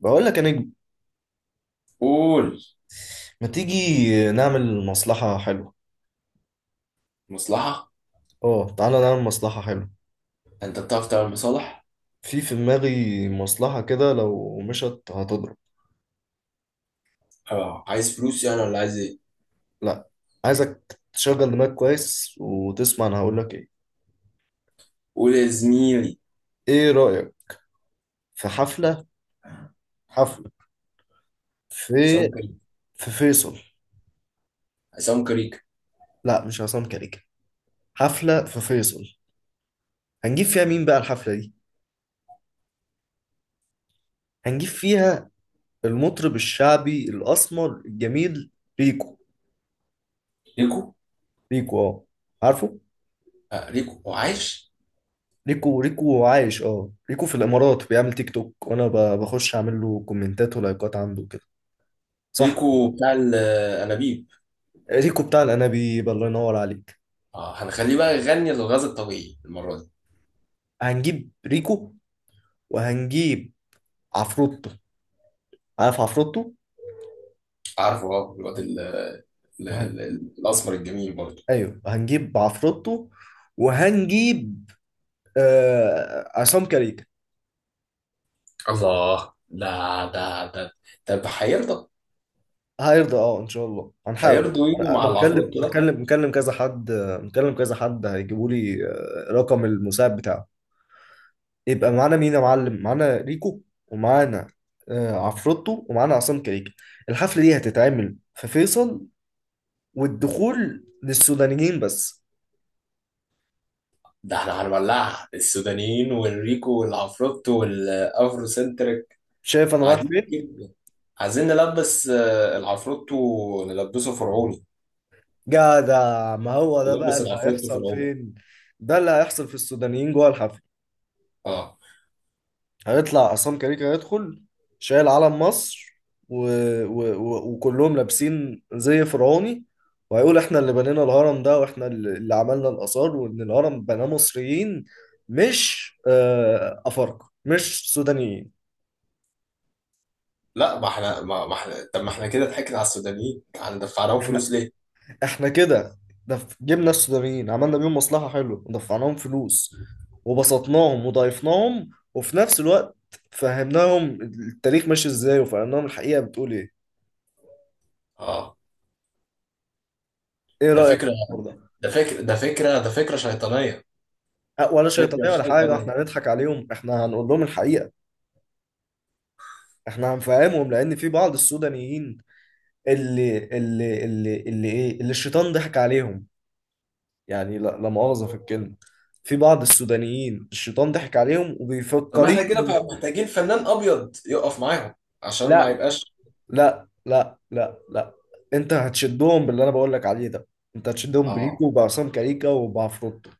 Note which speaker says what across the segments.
Speaker 1: بقول لك يا نجم،
Speaker 2: قول.
Speaker 1: ما تيجي نعمل مصلحة حلوة.
Speaker 2: مصلحة.
Speaker 1: اه، تعالى نعمل مصلحة حلوة.
Speaker 2: انت بتعرف تعمل مصالح.
Speaker 1: في دماغي مصلحة كده لو مشت هتضرب.
Speaker 2: اه، عايز فلوس يعني ولا عايز ايه؟
Speaker 1: لا، عايزك تشغل دماغك كويس وتسمع انا هقول لك ايه.
Speaker 2: قول يا زميلي.
Speaker 1: ايه رأيك في حفلة؟ حفلة
Speaker 2: عصام
Speaker 1: في
Speaker 2: كريك.
Speaker 1: فيصل.
Speaker 2: عصام كريك.
Speaker 1: لا، مش عصام كاريكا. حفلة في فيصل. هنجيب فيها مين بقى الحفلة دي؟ هنجيب فيها المطرب الشعبي الأسمر الجميل، ريكو.
Speaker 2: ليكو.
Speaker 1: ريكو، اه. عارفه؟
Speaker 2: آه، ليكو هو عايش.
Speaker 1: ريكو عايش، اه. ريكو في الامارات بيعمل تيك توك وانا بخش اعمل له كومنتات ولايكات عنده كده، صح.
Speaker 2: ليكو بتاع الانابيب.
Speaker 1: ريكو بتاع الانابيب، الله ينور عليك.
Speaker 2: اه، هنخليه بقى يغني للغاز الطبيعي المرة دي.
Speaker 1: هنجيب ريكو وهنجيب عفروتو. عارف عفروتو؟
Speaker 2: عارفه، اه الواد
Speaker 1: وهن...
Speaker 2: الاسمر الجميل برضه.
Speaker 1: ايوه هنجيب عفروتو وهنجيب عصام كاريكا.
Speaker 2: الله، ده طب هيرضى؟
Speaker 1: هيرضى، اه ان شاء الله هنحاول.
Speaker 2: هيرضوا يجوا
Speaker 1: انا
Speaker 2: مع
Speaker 1: مكلم
Speaker 2: العفروتو ده؟
Speaker 1: مكلم مكلم كذا حد. مكلم كذا حد هيجيبوا لي رقم المساعد بتاعه. يبقى معانا مين يا معلم؟ معانا ريكو ومعانا عفروتو ومعانا عصام كريكة. الحفلة دي هتتعمل في فيصل والدخول للسودانيين بس.
Speaker 2: ده احنا هنولعها السودانيين والريكو والعفروتو والافرو سنتر.
Speaker 1: شايف انا رايح
Speaker 2: عايزين
Speaker 1: فين؟
Speaker 2: كده. عايزين نلبس العفروتو نلبسه فرعوني.
Speaker 1: جدع، ما هو ده بقى
Speaker 2: نلبس
Speaker 1: اللي
Speaker 2: العفروتو
Speaker 1: هيحصل.
Speaker 2: فرعوني.
Speaker 1: فين؟ ده اللي هيحصل في السودانيين جوه الحفلة.
Speaker 2: اه.
Speaker 1: هيطلع عصام كاريكا هيدخل شايل علم مصر و... وكلهم لابسين زي فرعوني. وهيقول احنا اللي بنينا الهرم ده واحنا اللي عملنا الآثار وان الهرم بناه مصريين مش أفارقة مش سودانيين.
Speaker 2: لا، ما احنا ما احنا، طب ما احنا كده ضحكنا على السودانيين هندفع لهم فلوس
Speaker 1: احنا
Speaker 2: ليه؟
Speaker 1: احنا كده جبنا السودانيين عملنا بيهم مصلحة حلوة ودفعناهم فلوس وبسطناهم وضايفناهم وفي نفس الوقت فهمناهم التاريخ ماشي ازاي وفهمناهم الحقيقة بتقول ايه.
Speaker 2: اه.
Speaker 1: ايه
Speaker 2: ده
Speaker 1: رأيك في
Speaker 2: فكره
Speaker 1: الحوار ده؟
Speaker 2: ده فكره شيطانيه.
Speaker 1: ولا
Speaker 2: فكره
Speaker 1: شيطانية ولا حاجة، احنا
Speaker 2: شيطانيه.
Speaker 1: هنضحك عليهم، احنا هنقول لهم الحقيقة. احنا هنفهمهم لأن في بعض السودانيين اللي الشيطان ضحك عليهم، يعني لا، لا مؤاخذة في الكلمة. في بعض السودانيين الشيطان ضحك عليهم
Speaker 2: طب ما احنا كده
Speaker 1: وبيفكرين.
Speaker 2: بقى محتاجين فنان ابيض يقف معاهم عشان ما
Speaker 1: لا
Speaker 2: يبقاش.
Speaker 1: لا لا لا لا، انت هتشدهم باللي انا بقول لك عليه ده. انت هتشدهم بريكو
Speaker 2: اه.
Speaker 1: وبعصام كاريكا وبعفروتو،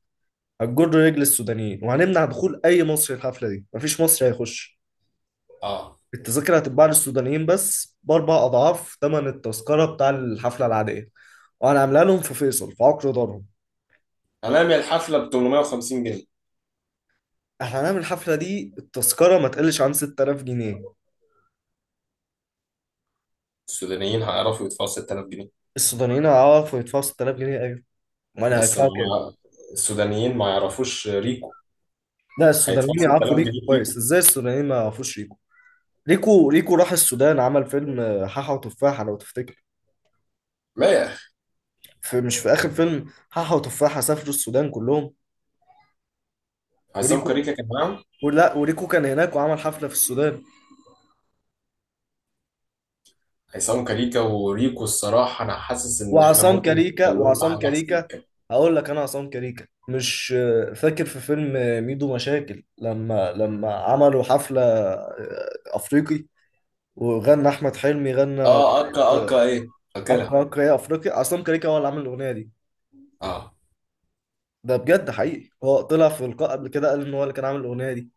Speaker 1: هتجر رجل السودانيين. وهنمنع دخول اي مصري الحفلة دي، مفيش مصري هيخش.
Speaker 2: اه،
Speaker 1: التذاكر هتتباع للسودانيين بس بأربع أضعاف ثمن التذكرة بتاع الحفلة العادية. وأنا عاملها لهم في فيصل في عقر دارهم.
Speaker 2: هنعمل الحفله ب 850 جنيه.
Speaker 1: احنا هنعمل الحفلة دي التذكرة ما تقلش عن 6000 جنيه.
Speaker 2: السودانيين هيعرفوا يدفعوا 6000 جنيه.
Speaker 1: السودانيين هيعرفوا يدفعوا 6000 جنيه؟ أيوة. وأنا
Speaker 2: بس
Speaker 1: هيدفعوا كام؟
Speaker 2: ما. السودانيين ما يعرفوش ريكو.
Speaker 1: لا،
Speaker 2: هيدفعوا
Speaker 1: السودانيين يعرفوا
Speaker 2: 6000
Speaker 1: ريكو
Speaker 2: جنيه فيكم.
Speaker 1: كويس. إزاي السودانيين ما يعرفوش ريكو؟ ريكو راح السودان عمل فيلم حاحة وتفاحة لو تفتكر.
Speaker 2: لا يا اخي.
Speaker 1: في مش في آخر فيلم حاحة وتفاحة سافروا السودان كلهم
Speaker 2: عصام
Speaker 1: وريكو.
Speaker 2: كاريكا كمان.
Speaker 1: ولا وريكو كان هناك وعمل حفلة في السودان.
Speaker 2: عصام كاريكا وريكو، الصراحه انا حاسس ان احنا
Speaker 1: وعصام
Speaker 2: ممكن
Speaker 1: كاريكا
Speaker 2: نستغلهم في حاجه احسن من كده.
Speaker 1: هقول لك انا، عصام كاريكا مش فاكر في فيلم ميدو مشاكل لما عملوا حفلة افريقي وغنى احمد حلمي غنى
Speaker 2: اه، اكا اكا ايه؟ فاكرها.
Speaker 1: اقرا اقرا يا افريقي. عصام كاريكا هو اللي عامل الاغنية دي.
Speaker 2: اه.
Speaker 1: ده بجد حقيقي، هو طلع في لقاء قبل كده قال ان هو اللي كان عامل الاغنية دي.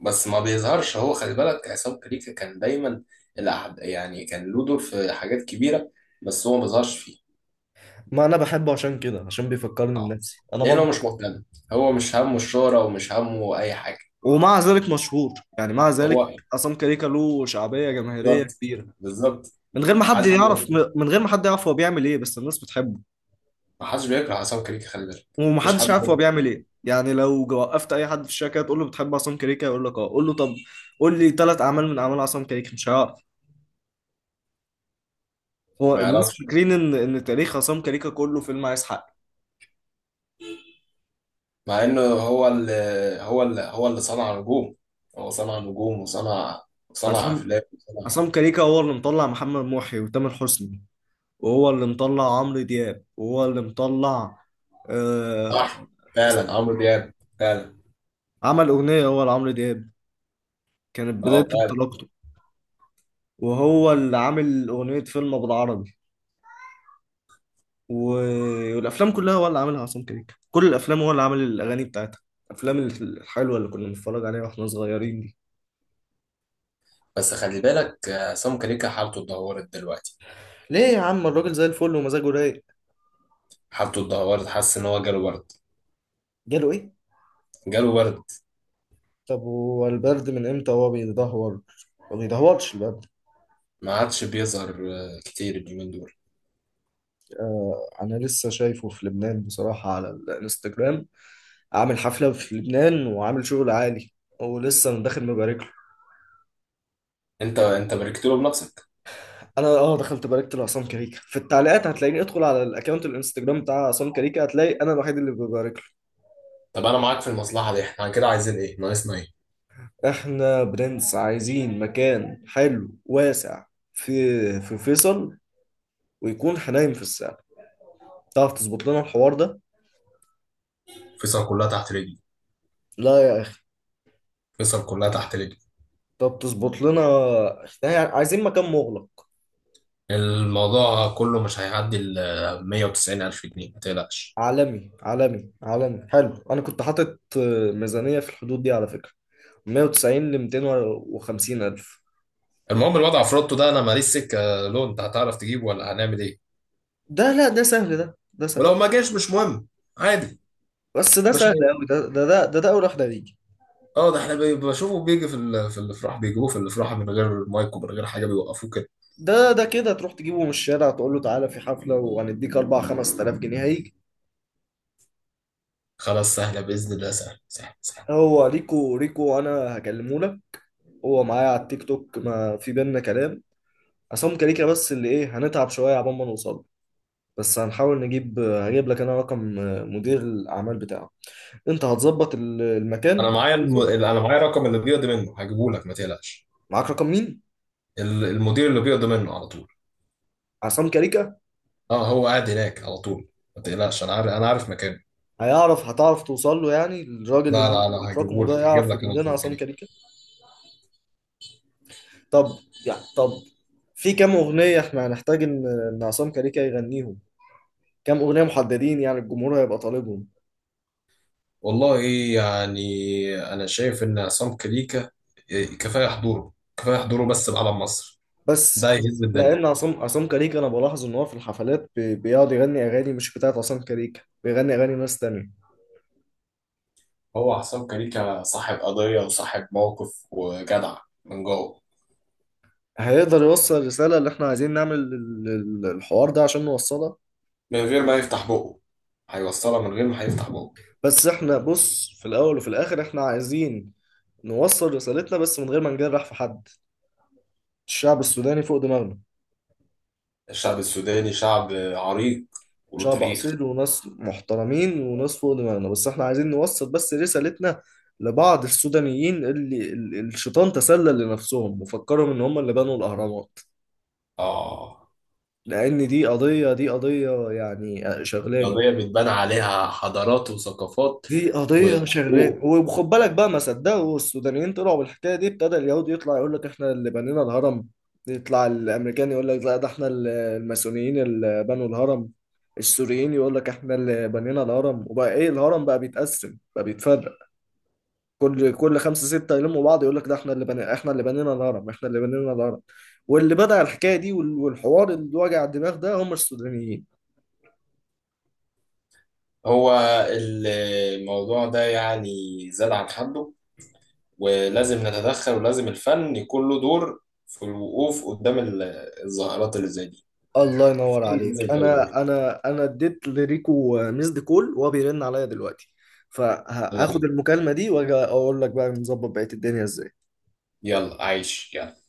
Speaker 2: بس ما بيظهرش، هو خلي بالك عصام كاريكا كان دايما الأحد يعني كان له دور في حاجات كبيره، بس هو ما بيظهرش فيه.
Speaker 1: ما انا بحبه عشان كده، عشان بيفكرني
Speaker 2: اه.
Speaker 1: بنفسي انا
Speaker 2: لانه
Speaker 1: برضه.
Speaker 2: مش مهتم. هو مش همه الشهره ومش همه اي حاجه.
Speaker 1: ومع ذلك مشهور، يعني مع ذلك
Speaker 2: هو.
Speaker 1: عصام كاريكا له شعبية جماهيرية
Speaker 2: بالظبط.
Speaker 1: كبيرة
Speaker 2: بالظبط.
Speaker 1: من غير ما
Speaker 2: ما
Speaker 1: حد
Speaker 2: حدش
Speaker 1: حتى يعرف.
Speaker 2: بي-
Speaker 1: من غير ما حد يعرف هو بيعمل ايه بس الناس بتحبه.
Speaker 2: ما حدش بيكره عصام كاريكا خلي بالك. مفيش
Speaker 1: ومحدش عارف هو
Speaker 2: حد.
Speaker 1: بيعمل ايه يعني. لو وقفت اي حد في الشركه تقول له بتحب عصام كريكه يقول لك اه. قول له طب قول لي ثلاث اعمال من اعمال عصام كريكه، مش هيعرف. هو
Speaker 2: ما
Speaker 1: الناس
Speaker 2: يعرفش.
Speaker 1: فاكرين ان تاريخ عصام كريكه كله فيلم عايز حق.
Speaker 2: مع انه هو اللي صنع نجوم. هو صنع نجوم وصنع. صنع
Speaker 1: عصام
Speaker 2: افلام وصنع.
Speaker 1: عصام كريكه هو اللي مطلع محمد محي وتامر حسني وهو اللي مطلع عمرو دياب وهو اللي مطلع آه...
Speaker 2: صح،
Speaker 1: اس-
Speaker 2: فعلا عمرو دياب. فعلا.
Speaker 1: عمل اغنيه هو لعمرو دياب كانت بدايه
Speaker 2: اه، فعلا.
Speaker 1: انطلاقته. وهو اللي عامل أغنية فيلم بالعربي و... والأفلام كلها هو اللي عاملها. عصام كريكة كل الأفلام هو اللي عامل الأغاني بتاعتها، الأفلام الحلوة اللي كنا بنتفرج عليها وإحنا صغيرين دي.
Speaker 2: بس خلي بالك عصام كاريكا حالته اتدهورت دلوقتي.
Speaker 1: ليه يا عم؟ الراجل زي الفل ومزاجه رايق.
Speaker 2: حالته اتدهورت. حاسس ان هو جاله برد.
Speaker 1: جاله إيه؟
Speaker 2: جاله برد.
Speaker 1: طب هو البرد من إمتى هو بيدهور؟ ما بيدهورش البرد.
Speaker 2: ما عادش بيظهر كتير اليومين دول.
Speaker 1: آه، أنا لسه شايفه في لبنان بصراحة على الإنستجرام، عامل حفلة في لبنان وعامل شغل عالي. ولسه أنا داخل مبارك له.
Speaker 2: انت باركت له بنفسك.
Speaker 1: انا اه دخلت باركت لعصام كاريكا في التعليقات، هتلاقيني ادخل على الاكونت الانستجرام بتاع عصام كاريكا هتلاقي انا الوحيد اللي ببارك
Speaker 2: طب انا معاك في المصلحه دي. احنا كده عايزين ايه؟ ناقصنا ايه؟
Speaker 1: له. احنا برنس، عايزين مكان حلو واسع في فيصل ويكون حنايم في الساعة. تعرف تظبط لنا الحوار ده؟
Speaker 2: فيصل كلها تحت رجلي.
Speaker 1: لا يا اخي،
Speaker 2: فيصل كلها تحت رجلي.
Speaker 1: طب تظبط لنا، احنا عايزين مكان مغلق
Speaker 2: الموضوع كله مش هيعدي ال 190 ألف جنيه، ما تقلقش.
Speaker 1: عالمي عالمي عالمي حلو. انا كنت حاطط ميزانية في الحدود دي على فكرة، 190 ل 250 الف.
Speaker 2: المهم الوضع في روتو ده، انا ماليش سكه، لو انت هتعرف تجيبه ولا هنعمل ايه.
Speaker 1: ده لا ده سهل، ده سهل.
Speaker 2: ولو ما جاش مش مهم. عادي.
Speaker 1: بس ده
Speaker 2: مش
Speaker 1: سهل
Speaker 2: هي-
Speaker 1: قوي، ده اول واحد هيجي.
Speaker 2: اه، ده احنا بشوفه بيجي في في الافراح، بيجيبوه في الافراح من غير مايك ومن غير حاجه بيوقفوه كده.
Speaker 1: ده كده تروح تجيبه من الشارع تقول له تعالى في حفلة وهنديك 4 5000 جنيه هيجي.
Speaker 2: خلاص، سهله باذن الله. سهل سهل سهل.
Speaker 1: هو ريكو انا هكلمه لك، هو معايا على التيك توك ما في بينا كلام. عصام كاريكا بس اللي ايه، هنتعب شوية عبال ما نوصل له. بس هنحاول نجيب. هجيب لك انا رقم مدير الاعمال بتاعه، انت هتظبط المكان.
Speaker 2: انا معايا رقم اللي بيقضي منه، هجيبه لك ما تقلقش.
Speaker 1: معاك رقم مين؟
Speaker 2: المدير اللي بيقضي منه على طول.
Speaker 1: عصام كاريكا؟
Speaker 2: اه، هو قاعد هناك على طول. ما تقلقش، انا عارف مكانه.
Speaker 1: هيعرف هتعرف توصل له يعني؟ الراجل
Speaker 2: لا
Speaker 1: اللي انت
Speaker 2: لا لا،
Speaker 1: معاك رقمه ده
Speaker 2: هجيب
Speaker 1: يعرف
Speaker 2: لك
Speaker 1: يجيب
Speaker 2: انا
Speaker 1: لنا
Speaker 2: الفلوس
Speaker 1: عصام
Speaker 2: دي.
Speaker 1: كاريكا؟ طب، يا طب، في كام اغنيه احنا هنحتاج ان عصام كاريكا يغنيهم؟ كام اغنيه محددين يعني الجمهور هيبقى طالبهم؟
Speaker 2: والله، يعني، انا شايف ان عصام كليكا كفايه حضوره، كفايه حضوره بس بعلم مصر. ده
Speaker 1: بس
Speaker 2: يهز
Speaker 1: بس
Speaker 2: الدنيا.
Speaker 1: لان عصام كاريكا انا بلاحظ ان هو في الحفلات بيقعد يغني اغاني مش بتاعت عصام كاريكا، بيغني اغاني ناس تانية.
Speaker 2: هو حسام كاريكا صاحب قضية وصاحب موقف وجدع من جوه.
Speaker 1: هيقدر يوصل الرساله اللي احنا عايزين نعمل الحوار ده عشان نوصلها؟
Speaker 2: من غير ما يفتح بقه هيوصلها، من غير ما هيفتح بقه.
Speaker 1: بس احنا بص، في الاول وفي الاخر احنا عايزين نوصل رسالتنا بس من غير ما نجرح في حد. الشعب السوداني فوق دماغنا،
Speaker 2: الشعب السوداني شعب عريق وله
Speaker 1: شعب
Speaker 2: تاريخ.
Speaker 1: أصيل وناس محترمين وناس فوق دماغنا. بس احنا عايزين نوصل بس رسالتنا لبعض السودانيين اللي الشيطان تسلل لنفسهم وفكرهم ان هم اللي بنوا الأهرامات.
Speaker 2: آه.
Speaker 1: لأن دي قضية، دي قضية يعني شغلاني،
Speaker 2: قضية بتبان عليها حضارات وثقافات
Speaker 1: دي قضية شغلانة.
Speaker 2: وحقوق.
Speaker 1: وخد بالك بقى ما صدقوا السودانيين طلعوا بالحكاية دي ابتدى اليهودي يطلع يقول لك احنا اللي بنينا الهرم. يطلع الأمريكان يقول لك لا، ده احنا الماسونيين اللي بنوا الهرم. السوريين يقول لك احنا اللي بنينا الهرم. وبقى ايه الهرم بقى بيتقسم بقى بيتفرق؟ كل خمسة ستة يلموا بعض يقول لك ده احنا اللي بنينا الهرم، احنا اللي بنينا الهرم. واللي بدأ الحكاية دي والحوار اللي وجع الدماغ ده هم السودانيين.
Speaker 2: هو الموضوع ده يعني زاد عن حده، ولازم نتدخل، ولازم الفن يكون له دور في الوقوف قدام الظاهرات اللي زي دي.
Speaker 1: الله ينور
Speaker 2: الفن لازم
Speaker 1: عليك.
Speaker 2: يبقى له دور.
Speaker 1: انا انا اديت لريكو ميسد كول وهو بيرن عليا دلوقتي،
Speaker 2: يلا
Speaker 1: فهاخد
Speaker 2: بينا.
Speaker 1: المكالمة دي واجي اقول لك بقى نظبط بقية الدنيا ازاي.
Speaker 2: يلا، عايش، يلا.